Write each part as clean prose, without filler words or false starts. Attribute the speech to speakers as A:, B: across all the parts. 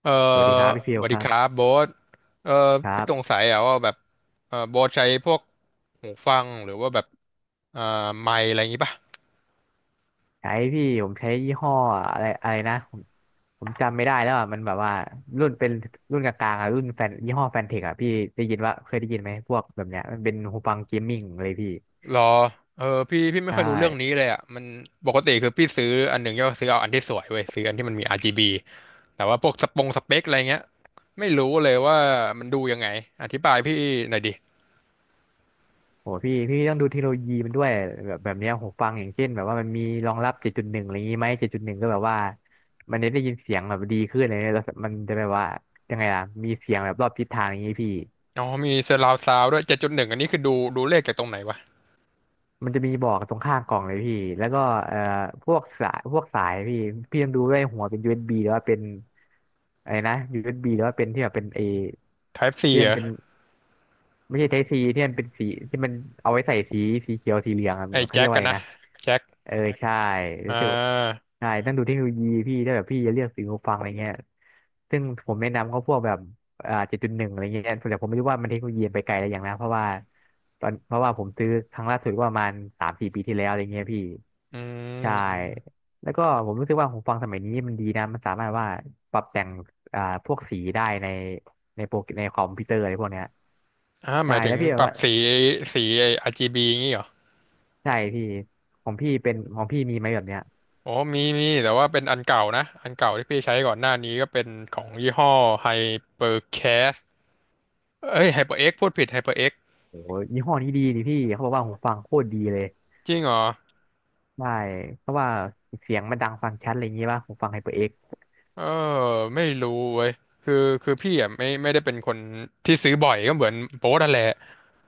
A: เออ
B: สวัสดีครับพี่ฟิ
A: ส
B: ล
A: วัส
B: ค
A: ดี
B: รั
A: ครั
B: บ
A: บโบ๊ทเออ
B: ครั
A: พี่สง
B: บ
A: สัยอะว่าแบบโบ๊ทใช้พวกหูฟังหรือว่าแบบอ่าไมค์อะไรอย่างงี้ป่ะ
B: ใช้พี่ผมใช้ยี่ห้ออะไรอะไรนะผมจำไม่ได้แล้วอ่ะมันแบบว่ารุ่นเป็นรุ่นกลางๆอ่ะรุ่นแฟนยี่ห้อแฟนเทคอ่ะพี่ได้ยินว่าเคยได้ยินไหมพวกแบบเนี้ยมันเป็นหูฟังเกมมิ่งเลยพี่
A: หรอเออพี่
B: ใช
A: ไม่ค่อยรู้เรื่องนี้
B: ่
A: เลยอ่ะมันปกติคือพี่ซื้ออันหนึ่งก็ซื้อเอาอันที่สวยเว้ยซื้ออันที่มันมี RGB แต่ว่าพวกสปงสเปคอะไรเงี้ยไม่รู้เลยว่ามันดูยังไงอธิบายพี่หน่อยดิ
B: โหพี่ต้องดูเทคโนโลยีมันด้วยแบบเนี้ยหูฟังอย่างเช่นแบบว่ามันมีรองรับเจ็ดจุดหนึ่งอะไรอย่างงี้ไหมเจ็ดจุดหนึ่งก็แบบว่ามันจะได้ยินเสียงแบบดีขึ้นเลยแล้วมันจะแบบว่ายังไงล่ะมีเสียงแบบรอบทิศทางอย่างงี้พี่
A: อ๋อมี surround sound ด้วย7.1อันนี้คือดูเลขจากตรงไหนวะ
B: มันจะมีบอกตรงข้างกล่องเลยพี่ แล้วก็เอ่อพวกสายพี่พี่ต้องดูด้วยหัวเป็น USB หรือว่าเป็น อะไรนะ USB หรือว่าเป็นที่แบบเป็นเอ
A: Type C
B: ที่
A: เหร
B: มัน
A: อ
B: เป็นไม่ใช่ไทป์ซีที่มันเป็นสีที่มันเอาไว้ใส่สีเขียวสีเหลืองอะ
A: ไอ้
B: เขาเรี
A: แจ็
B: ยก
A: ค
B: ว่า
A: กั
B: อะ
A: น
B: ไร
A: นะ
B: นะ
A: แจ็ค
B: เออใช่
A: อ่
B: รู้สึก
A: า
B: ใช่ต้องดูเทคโนโลยีพี่ถ้าแบบพี่จะเลือกซื้อหูฟังอะไรเงี้ยซึ่งผมแนะนำเขาพวกแบบเจ็ดจุดหนึ่งอะไรเงี้ยแต่ผมไม่รู้ว่ามันเทคโนโลยีไปไกลอะไรอย่างนะเพราะว่าตอนเพราะว่าผมซื้อครั้งล่าสุดก็ประมาณสามสี่ปีที่แล้วอะไรเงี้ยพี่
A: อื
B: ใช่
A: ม
B: แล้วก็ผมรู้สึกว่าหูฟังสมัยนี้มันดีนะมันสามารถว่าปรับแต่งพวกสีได้ในในโปรในคอมพิวเตอร์อะไรพวกเนี้ย
A: ห
B: ใช่
A: มายถึ
B: แล้ว
A: ง
B: พี่แบ
A: ป
B: บ
A: รับ
B: ว่า
A: สีสีไอ้ RGB งี้เหรอ
B: ใช่พี่ของพี่เป็นของพี่มีไหมแบบเนี้ย
A: โอ้มีมีแต่ว่าเป็นอันเก่านะอันเก่าที่พี่ใช้ก่อนหน้านี้ก็เป็นของยี่ห้อ HyperCast เอ้ย HyperX พูดผิด HyperX
B: โอ้โหยี่ห้อนี้ดีนี่พี่เขาบอกว่าหูฟังโคตรดีเลย
A: จริงเหรอ
B: ใช่เพราะว่าเสียงมันดังฟังชัดอะไรอย่างงี้ป่ะหูฟังไฮเปอร์เอ็กซ์
A: เออไม่รู้เว้ยคือคือพี่อ่ะไม่ได้เป็นคนที่ซื้อบ่อยก็เหมือนโป๊ะนั่นแหละ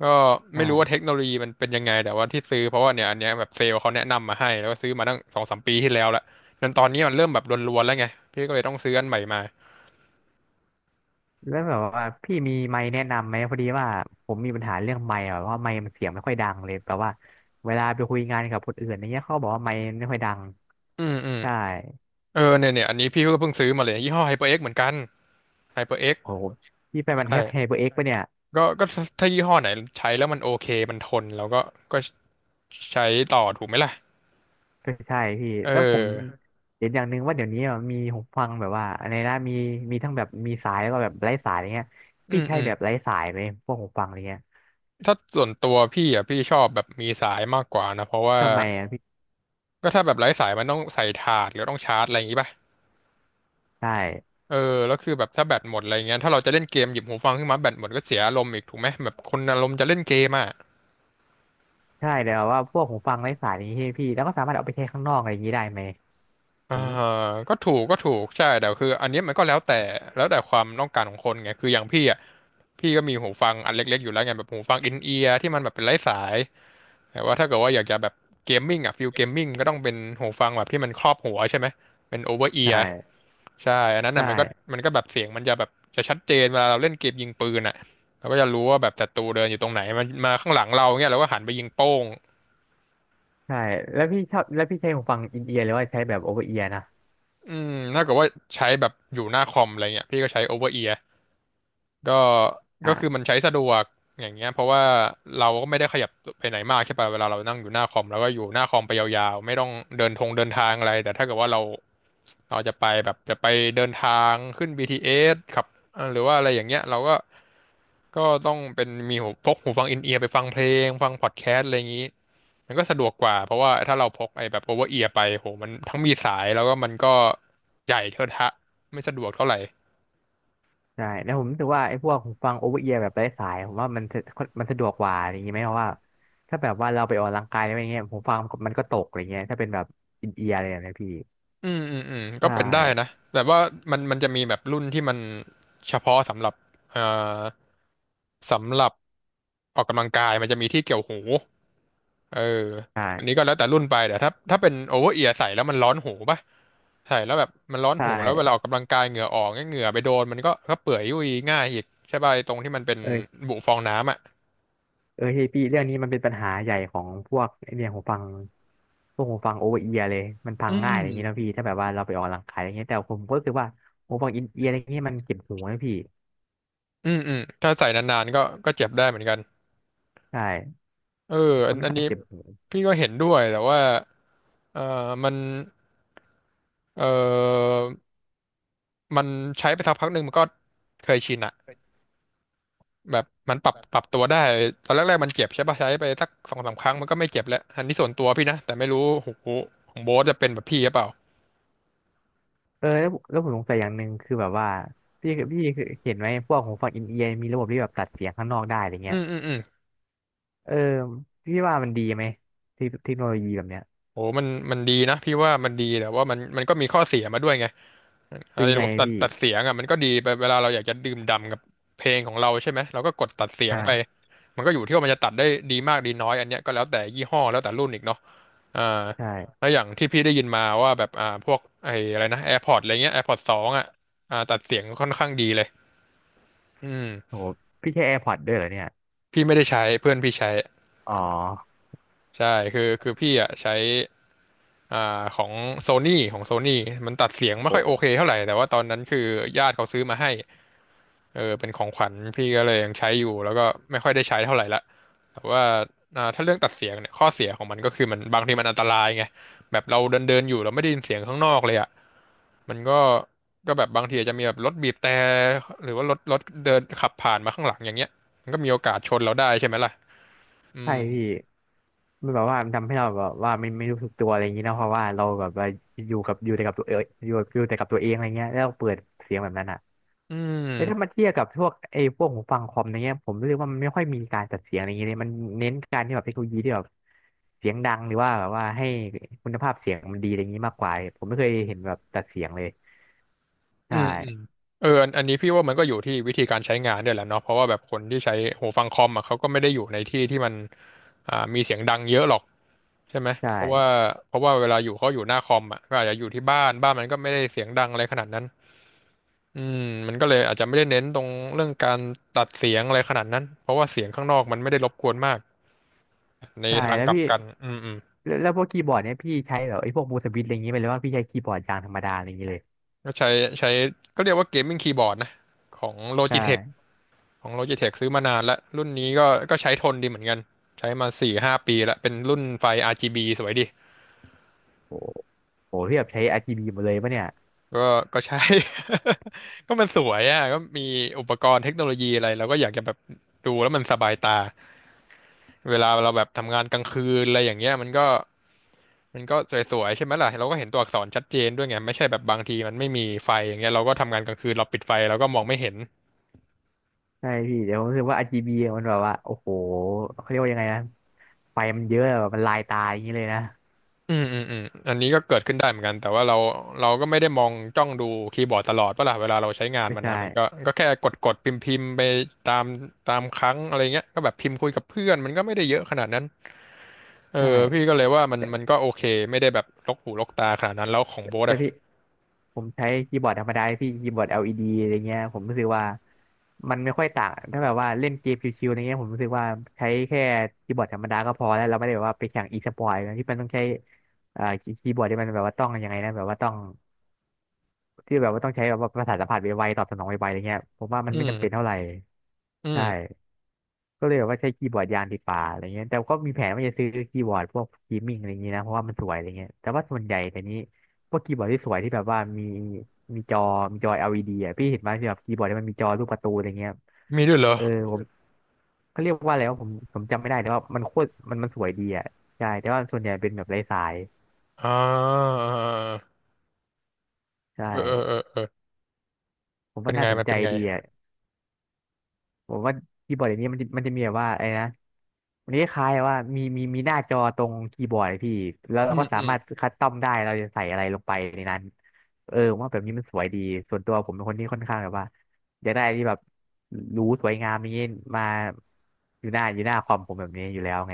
A: ก็ไม่รู้ว่า
B: ใช่
A: เทคโนโลยีมันเป็นยังไงแต่ว่าที่ซื้อเพราะว่าเนี่ยอันเนี้ยแบบเซลล์เขาแนะนำมาให้แล้วก็ซื้อมาตั้งสองสามปีที่แล้วละจนตอนนี้มันเริ่มแบบรวนๆแล้วไงพี่ก็เลยต้องซื้ออันใหม่มา
B: แล้วแบบว่าพี่มีไมค์แนะนำไหมพอดีว่าผมมีปัญหาเรื่องไมค์อะแบบว่าไมค์มันเสียงไม่ค่อยดังเลยแบบว่าเวลาไปคุยงานกับคนอื่นอย่างเงี้ยเขาบอกว่าไมค์ไม่ค่อยดัง
A: อืมอืม
B: ใช่
A: เนี่ยอันนี้พี่ก็เพิ่งซื้อมาเลยยี่ห้อ HyperX เหมือนกัน HyperX
B: โอ้โหพี่ไปมันแทบไฮ
A: ใช่
B: เปอร์เอ็กซ์ปะเนี่ย
A: ก็ถ้ายี่ห้อไหนใช้แล้วมันโอเคมันทนแล้วก็ก็ใช้ต่อถูกไหมล่ะ
B: ก็ใช่พี่
A: เอ
B: แล้วผม
A: อ
B: เห็นอย่างหนึ่งว่าเดี๋ยวนี้อะมีหูฟังแบบว่าอะไรนะมีมีทั้งแบบมีสายแล้วก็แบบไร้สายอะไรเงี้ย
A: อื
B: พี่
A: ม
B: ใช้
A: อืม
B: แบบไร้สายไหมพวกหูฟังอะไรเงี้ย
A: ถ้าส่วนตัวพี่อ่ะพี่ชอบแบบมีสายมากกว่านะเพราะว่า
B: ทำไมอะพี่
A: ก็ถ้าแบบไร้สายมันต้องใส่ถาดหรือต้องชาร์จอะไรอย่างงี้ป่ะ
B: ใช่
A: เออแล้วคือแบบถ้าแบตหมดอะไรเงี้ยถ้าเราจะเล่นเกมหยิบหูฟังขึ้นมาแบตหมดก็เสียอารมณ์อีกถูกไหมแบบคนอารมณ์จะเล่นเกมอ่ะ
B: ใช่แต่ว่าพวกหูฟังไร้สายนี้พี่แล้วก็สามารถเอาไปใช้ข้างนอกอะไรอย่างนี้ได้ไหมผ
A: อ่า
B: ม
A: ก็ถูกใช่แต่คืออันเนี้ยมันก็แล้วแต่ความต้องการของคนไงคืออย่างพี่อ่ะพี่ก็มีหูฟังอันเล็กๆอยู่แล้วไงแบบหูฟังอินเอียร์ที่มันแบบเป็นไร้สายแต่ว่าถ้าเกิดว่าอยากจะแบบเกมมิ่งอ่ะฟิลเกมมิ่งก็ต้องเป็นหูฟังแบบที่มันครอบหัวใช่ไหมเป็นโอเวอร์เอี
B: ใช
A: ยร์
B: ่
A: ใช่อันนั้น
B: ใช
A: อ่ะมันก็
B: ่
A: มันก็แบบเสียงมันจะแบบจะชัดเจนเวลาเราเล่นเกมยิงปืนอ่ะเราก็จะรู้ว่าแบบศัตรูเดินอยู่ตรงไหนมันมาข้างหลังเราเงี้ยเราก็หันไปยิงโป้ง
B: ใช่แล้วพี่ชอบแล้วพี่ใช้หูฟังอินเอียร์หรือว่าใช้แบบโอเวอร์เอียร์นะ
A: อืมถ้าเกิดว่าใช้แบบอยู่หน้าคอมอะไรเงี้ยพี่ก็ใช้โอเวอร์เอีย ก็ก็คือ
B: อ่า
A: มันใช้สะดวก อย่างเงี้ยเพราะว่าเราก็ไม่ได้ขยับไปไหนมากใช่ป่ะเวลาเรานั่งอยู่หน้าคอมแล้วก็อยู่หน้าคอมไปยาวๆ ไม่ต้องเดินทางอะไรแต่ถ้าเกิดว่าเราจะไปแบบจะไปเดินทางขึ้น BTS ขับหรือว่าอะไรอย่างเงี้ยเราก็ ก็ต้องเป็นมีพกหูฟังอินเอียร์ไปฟังเพลงฟังพอดแคสต์อะไรอย่างงี้ มันก็สะดวกกว่าเพราะว่าถ้าเราพกไอ้แบบโอเวอร์เอียร์ไปโหมันทั้งมีสายแล้วก็มันก็ใหญ่เทอะทะไม่สะดวกเท่าไหร่
B: ใช่แล้วผมรู้สึกว่าไอ้พวกหูฟังโอเวอร์เอียร์แบบไร้สายผมว่ามันสะดวกกว่าอย่างงี้ไหมเพราะว่าถ้าแบบว่าเราไปออกกำลังกายอะไรอย่างเงี้ยหูฟังมันก็ตกอะไรเงี้ยถ้าเป็นแบบอินเอียร์อะไรแบบเนี้ยพี่
A: อืมอืมอืม
B: ใช
A: ก็เป็นได้นะ
B: ่
A: แบบว่ามันจะมีแบบรุ่นที่มันเฉพาะสำหรับเอ่อสำหรับออกกำลังกายมันจะมีที่เกี่ยวหูเอออันนี้
B: ใช่
A: ก็แล้วแต่รุ่นไปแต่ถ้าถ้าเป็นโอเวอร์เอียร์ใส่แล้วมันร้อนหูป่ะใส่แล้วแบบมันร้อน
B: ใช
A: หูแล้วเวลาอ
B: ่
A: อกกำลังกายเหงื่อออกเนี่ยเหงื่อไปโดนมันก็ก็เปื่อยยุ่ยง่ายอีกใช่ป่ะไอ้ตรงที่มันเป็น
B: เออ
A: บุฟองน้ำอ่ะ
B: เออเฮ้ยพี่เรื่องนี้มันเป็นปัญหาใหญ่ของพวกไอ้เนี่ยหูฟังพวกหูฟังโอเวอร์เอียร์เลยมันพั
A: อื
B: งง่ายอะ
A: ม
B: ไรอย่างงี้ยนะพี่ถ้าแบบว่าเราไปออกกำลังกายอะไรเงี้ยแต่ผมก็รู้สึกว่าหูฟังอินเอียร์อะไรเงี้ยมันเจ็บหูนะพี่
A: อืมอืมถ้าใส่นานๆก็ก็เจ็บได้เหมือนกัน
B: ใช่
A: เอออั
B: ค่
A: น
B: อน
A: อัน
B: ข้าง
A: นี้
B: เจ็บหู
A: พี่ก็เห็นด้วยแต่ว่าเออมัน เออมันใช้ไปสักพักหนึ่งมันก็เคยชินอะแบบมันปรับตัวได้ตอนแรกๆมันเจ็บใช่ปะใช้ไปสักสองสามครั้งมันก็ไม่เจ็บแล้วอันนี้ส่วนตัวพี่นะแต่ไม่รู้โอ้โหของโบ๊ทจะเป็นแบบพี่หรือเปล่า
B: เออแล้วผมสงสัยอย่างหนึ่งคือแบบว่าพี่เคยเห็นไหมพวกหูฟังอินเอียร์มีระบบที่แบบตัดเสียงข้างนอกได้อะไร
A: อื
B: เงี้ย
A: มอืมอืม
B: เออพี่ว่ามันดีไหมเทคโนโลยีแบบเนี้ย
A: โอ้มันมันดีนะพี่ว่ามันดีแต่ว่ามันก็มีข้อเสียมาด้วยไง
B: คือ
A: ใน
B: ยัง
A: ระ
B: ไง
A: บบตัด
B: พี่
A: ตัดเสียงอะมันก็ดีไปเวลาเราอยากจะดื่มด่ำกับเพลงของเราใช่ไหมเราก็กดตัดเสียงไป
B: อ่า
A: มันก็อยู่ที่ว่ามันจะตัดได้ดีมากดีน้อยอันเนี้ยก็แล้วแต่ยี่ห้อแล้วแต่รุ่นอีกเนาะ อ่าแล้
B: ใช่
A: วอย่างที่พี่ได้ยินมาว่าแบบพวกไอ้อะไรนะ AirPods อะไรเงี้ย AirPods สองอ่ะตัดเสียงค่อนข้างดีเลยอืม
B: โหพี่ใช้ AirPods ด้วยเหรอเนี่ย
A: พี่ไม่ได้ใช้เพื่อนพี่ใช้
B: อ๋อ
A: ใช่คือพี่อ่ะใช้ของโซนี่ของโซนี่มันตัดเสียงไม่ค่อยโอ
B: โห
A: เคเท่าไหร่แต่ว่าตอนนั้นคือญาติเขาซื้อมาให้เออเป็นของขวัญพี่ก็เลยยังใช้อยู่แล้วก็ไม่ค่อยได้ใช้เท่าไหร่ละแต่ว่าถ้าเรื่องตัดเสียงเนี่ยข้อเสียของมันก็คือมันบางทีมันอันตรายไงแบบเราเดินเดินอยู่เราไม่ได้ยินเสียงข้างนอกเลยอะ มันก็แบบบางทีอาจจะมีแบบรถบีบแต่หรือว่ารถเดินขับผ่านมาข้างหลังอย่างเงี้ย มันก็มีโอกาสชนเราได้ใช่ไหมล่ะอื
B: ใช่
A: ม
B: พี่มันแบบว่ามันทำให้เราแบบว่าไม่รู้สึกตัวอะไรอย่างงี้นะเพราะว่าเราแบบว่าอยู่กับอยู่แต่กับตัวเองอยู่อยู่แต่กับตัวเองอะไรเงี้ยแล้วเปิดเสียงแบบนั้นอ่ะ
A: อื
B: แต่ถ้ามา
A: ม
B: เทียบกับพวกไอ้พวกหูฟังคอมอะไรเงี้ยผมรู้สึกว่ามันไม่ค่อยมีการจัดเสียงอะไรเงี้ยเลยมันเน้นการที่แบบเทคโนโลยีที่แบบเสียงดังหรือว่าแบบว่าให้คุณภาพเสียงมันดีอะไรเงงี้มากกว่าผมไม่เคยเห็นแบบจัดเสียงเลย
A: อื
B: ใช่
A: มอืมเอออันนี้พี่ว่ามันก็อยู่ที่วิธีการใช้งานด้วยแหละเนาะเพราะว่าแบบคนที่ใช้หูฟังคอมอ่ะเขาก็ไม่ได้อยู่ในที่ที่มันมีเสียงดังเยอะหรอกใช่ไหม
B: ใช่
A: เพราะว่าเพราะว่าเวลาอยู่เขาอยู่หน้าคอมอ่ะก็อาจจะอยู่ที่บ้านมันก็ไม่ได้เสียงดังอะไรขนาดนั้นอืมมันก็เลยอาจจะไม่ได้เน้นตรงเรื่องการตัดเสียงอะไรขนาดนั้นเพราะว่าเสียงข้างนอกมันไม่ได้รบกวนมาก ใน
B: ใช่
A: ทาง
B: แล้ว
A: กลับ
B: พี่
A: กันอืม
B: แล้วพวกคีย์บอร์ดเนี่ยพี่ใช้แบบไอ้พวกมูสวิตอะไรเงนี้ยไปเลยว่าพี่ใช้คีย์บอร์ดยางธรรมดาอะไรเงงี้เลย
A: ก็ใช้ก็เรียกว่าเกมมิ่งคีย์บอร์ดนะของ Logitech
B: ใช่
A: ของ Logitech ซื้อมานานแล้วรุ่นนี้ก็ใช้ทนดีเหมือนกันใช้มาสี่ห้าปีแล้วเป็นรุ่นไฟ RGB สวยดี
B: โอ้โหพี่แบบใช้ RGB หมดเลยปะเนี่ย
A: ก็ใช้ ก็มันสวยอ่ะก็มีอุปกรณ์เทคโนโลยีอะไรเราก็อยากจะแบบดูแล้วมันสบายตาเวลาเราแบบทำงานกลางคืนอะไรอย่างเงี้ยมันก็ มันก็วยๆใช่ไหมล่ะเราก็เห็นตัวอักษรชัดเจนด้วยไงไม่ใช่แบบบางทีมันไม่มีไฟอย่างเงี้ยเราก็ทำงานกลางคืนเราปิดไฟเราก็มองไม่เห็น
B: ใช่พี่เดี๋ยวผมรู้สึกว่า RGB มันแบบว่าโอ้โหเขาเรียกว่ายังไงนะไฟมันเยอะแบบมันลายตาอย่างนี้เลยนะ
A: อืมอันนี้ก็เกิดขึ้นได้เหมือนกันแต่ว่าเราก็ไม่ได้มองจ้องดูคีย์บอร์ดตลอดปะล่ะเวลาเราใช้งาน
B: ไม่
A: มัน
B: ใช่
A: นะมันก็ก็แค่กดพิมพ์ไปตามตามครั้งอะไรเงี้ยก็แบบพิมพ์คุยกับเพื่อนมันก็ไม่ได้เยอะขนาดนั้นเอ
B: ใช่
A: อพี่ก็เลยว่ามัน
B: แต่
A: มันก็โอเคไม่ได้แบบลกหูลกตาขนาดนั้นแล้วของโบ๊ท
B: แต่
A: อะ
B: พี่ผมใช้คีย์บอร์ดธรรมดาพี่คีย์บอร์ด LED อลอีดีอะไรเงี้ยผมรู้สึกว่ามันไม่ค่อยต่างถ้าแบบว่าเล่นเกมชิวๆอะไรเงี้ยผมรู้สึกว่าใช้แค่คีย์บอร์ดธรรมดาก็พอแล้วเราไม่ได้แบบว่าไปแข่งอีสปอร์ตที่มันต้องใช้คีย์บอร์ดที่มันแบบว่าต้องยังไงนะแบบว่าต้องที่แบบว่าต้องใช้แบบว่าประสาทสัมผัสไวๆตอบสนองไวๆอะไรเงี้ยผมว่ามัน
A: อื
B: ไม่จำเป็น
A: ม
B: เท่าไหร่
A: อื
B: ใช
A: ม
B: ่ ก็เลยแบบว่าใช้คีย์บอร์ดยางดีกว่าอะไรเงี้ยแต่ก็มีแผนว่าจะซื้อคีย์บอร์ดพวกเกีมิ่งอะไรเงงี้ยนะเพราะว่ามันสวยอะไรเงี้ยแต่ว่าส่วนใหญ่แต่นี้พวกคีย์บอร์ดที่สวยที่แบบว่ามีมีจอมีจอ LED อลอีดีอ่ะพี่เห็นไหมที่แบบคีย์บอร์ดที่มันมีจอรูปการ์ตูนอะไรเงี้ย
A: มีด้วยเหรอ
B: เออผมเขาเรียกว่าอะไรวะผมจำไม่ได้แต่ว่ามันโคตรมันมันสวยดีอ่ะใช่แต่ว่าส่วนใหญ่เป็นแบบไร้สาย
A: อ่า
B: ใช
A: เออเออ
B: ่
A: เออเออ
B: ผม
A: เป็
B: ว่า
A: น
B: น่า
A: ไง
B: สน
A: มัน
B: ใจ
A: เป็นไง
B: ดีอ่ะ ผมว่าคีย์บอร์ดอย่างนี้มันจะมีแบบว่าไอ้นะมันจะคล้ายๆว่ามีหน้าจอตรงคีย์บอร์ดพี่แล้วเรา
A: อื
B: ก็
A: ม
B: สา
A: อืม
B: มารถคัสตอมได้เราจะใส่อะไรลงไปในนั้นเออผมว่าแบบนี้มันสวยดีส่วนตัวผมเป็นคนที่ค่อนข้างแบบว่าอยากได้อะไรที่แบบหรูสวยงามอย่างนี้มาอยู่หน้าคอมผมแบบนี้อยู่แล้วไง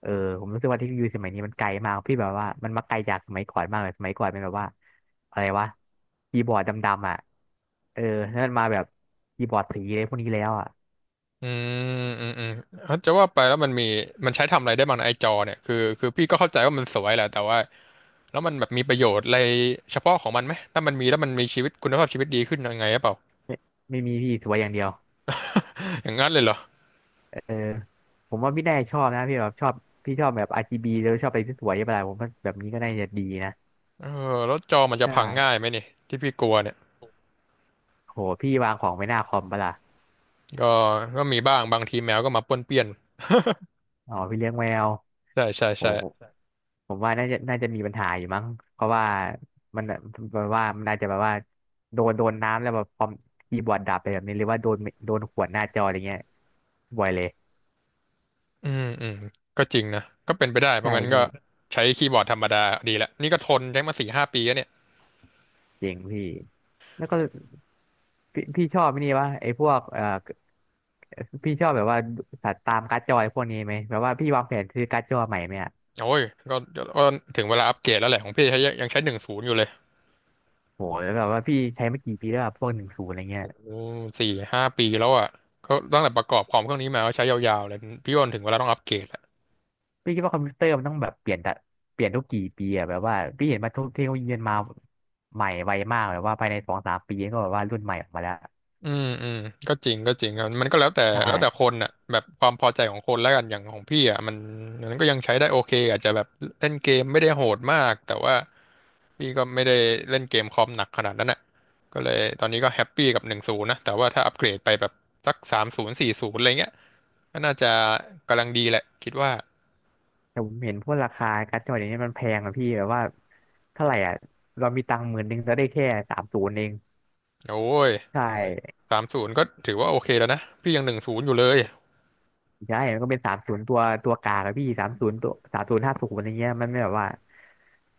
B: เออผมรู้สึกว่าเทคโนโลยีสมัยนี้มันไกลมากพี่แบบว่ามันมาไกลจากสมัยก่อนมากเลยสมัยก่อนเป็นแบบว่าอะไรวะคีย์บอร์ดดำๆอ่ะเออแล้วมันมาแบบคีย์บอร์ดสีอะไรพวกนี้แล้วอ่ะ
A: อืมอืมเอ้าจะว่าไปแล้วมันมีมันใช้ทำอะไรได้บ้างนะไอจอเนี่ยคือพี่ก็เข้าใจว่ามันสวยแหละแต่ว่าแล้วมันแบบมีประโยชน์อะไรเฉพาะของมันไหมถ้ามันมีแล้วมันมีชีวิตคุณภาพชีวิตดีขึ้นยังไงหรือเปล่า
B: ไม่มีพี่สวยอย่างเดียว
A: อย่างนั้นเลยเหรอ
B: เออผมว่าพี่แน่ชอบนะพี่แบบชอบพี่ชอบแบบ RGB แล้วชอบอะไรที่สวยๆอะไรผมว่าแบบนี้ก็น่าจะดีนะ
A: เออแล้วจอมันจะ
B: ใช่
A: พังง่ายไหมนี่ที่พี่กลัวเนี่ย
B: โหพี่วางของไว้หน้าคอมปะล่ะ
A: ก็ก็มีบ้างบางทีแมวก็มาป้วนเปี้ยน
B: อ๋อพี่เลี้ยงแมว
A: ใช่ใช่
B: โห
A: ใช่
B: ผมว่าน่าจะมีปัญหาอยู่มั้ง เพราะว่ามันแบบว่ามันน่าจะแบบว่าโดนน้ำแล้วแบบคอมคีย์บอร์ดดับไปแบบนี้หรือว่าโดนขวดหน้าจออะไรเงี้ยบ่อยเลย
A: อืมก็จริงนะก็เป็นไปได้เพ
B: ใช่
A: ราะงั้นก็
B: พี่
A: ใช้คีย์บอร์ดธรรมดาดีละนี่ก็ทนใช้มาสี่ห้าปีแล้วเนี่ย
B: เจ๋งพี่แล้วก็ พี่ชอบไอ้นี่วะไอ้พวกพี่ชอบแบบว่าสัตว์ตามการ์ดจอยพวกนี้ไหมแบบว่าพี่วางแผนซื้อการ์ดจอใหม่ไหมอะ
A: โอ้ยก็ถึงเวลาอัปเกรดแล้วแหละของพี่ใช้ยังใช้หนึ่งศูนย์อยู่เลย
B: โหแล้วแบบว่าพี่ใช้มากี่ปีแล้วอะพวก10อะไรเงี้ย
A: โอ้สี่ห้าปีแล้วอ่ะก็ตั้งแต่ประกอบคอมเครื่องนี้มาก็ใช้ยาวๆเลย พี่ว่าถึงเวลาต้องอัปเกรดแล้ว
B: พี่คิดว่าคอมพิวเตอร์มันต้องแบบเปลี่ยนแต่เปลี่ยนทุกกี่ปีอะแบบว่าพี่เห็นมาทุกเทคโนโลยีมันมาใหม่ไวมากแบบว่าภายใน2-3 ปีก็แบบว่ารุ่นใหม่ออกมาแล้ว
A: อืมก็จริงครับมันก็แล้วแต่
B: ใช
A: แล้วแต่ค
B: ่
A: นอ่ะแบบความพอใจของคนแล้วกันอย่างของพี่อ่ะมันมันก็ยังใช้ได้โอเคอาจจะแบบเล่นเกมไม่ได้โหดมากแต่ว่า พี่ก็ไม่ได้เล่นเกมคอมหนักขนาดนั้นน่ะก็เลยตอนนี้ก็แฮปปี้กับหนึ่งศูนย์นะ แต่ว่าถ้าอัปเกรดไปแบบสักสามศูนย์40อะไรเงี้ยก็น่าจะกำลังดีแหละคิดว่า
B: แต่ผมเห็นพวกราคาการ์ดจอเดี๋ยวนี้มันแพงอะพี่แบบว่าเท่าไหร่อะเรามีตังค์หมื่นหนึงจะได้แค่สามศูนย์เอง
A: โอ้ย
B: ใช่
A: สามศูนย์ก็ถือว่าโอเคแล้วนะพี่ยังหนึ่งศูนย์อยู่เลย
B: ใช่มันก็เป็นสามศูนย์ตัวตัวกลางอะพี่สามศูนย์ตัวสามศูนย์ห้าศูนย์อะไรเงี้ยมันไม่แบบว่า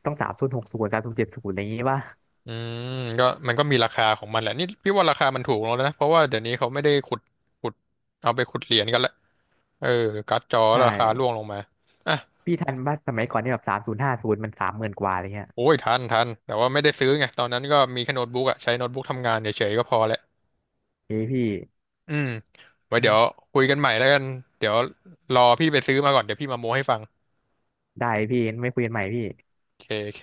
B: ต้อง30-6030-70อะไรอย่างงี้ยป่ะ
A: อืมก็มันก็มีราคาของมันแหละนี่พี่ว่าราคามันถูกแล้วนะเพราะว่าเดี๋ยวนี้เขาไม่ได้ขุดเอาไปขุดเหรียญกันละเออการ์ดจอ
B: ใช
A: ราคาร่
B: ่
A: วงลงมาอ่ะ
B: พี่ทันป่ะสมัยก่อนนี่แบบสามศูนย์ห้าศูนย์มันสามหมื่นกว่าอะไรเงี้ย
A: โอ้ยทันแต่ว่าไม่ได้ซื้อไงตอนนั้นก็มีแค่โน้ตบุ๊กอะใช้โน้ตบุ๊กทำงานเฉยๆก็พอแหละ
B: เอ้ยพี่
A: อืมไว้เดี๋ยวคุยกันใหม่แล้วกัน เดี๋ยวรอพี่ไปซื้อมาก่อน เดี๋ยวพี่มาโม้ให้ฟัง
B: ได้พี่ไม่คุยกันใหม่พี่
A: โอเคโอเค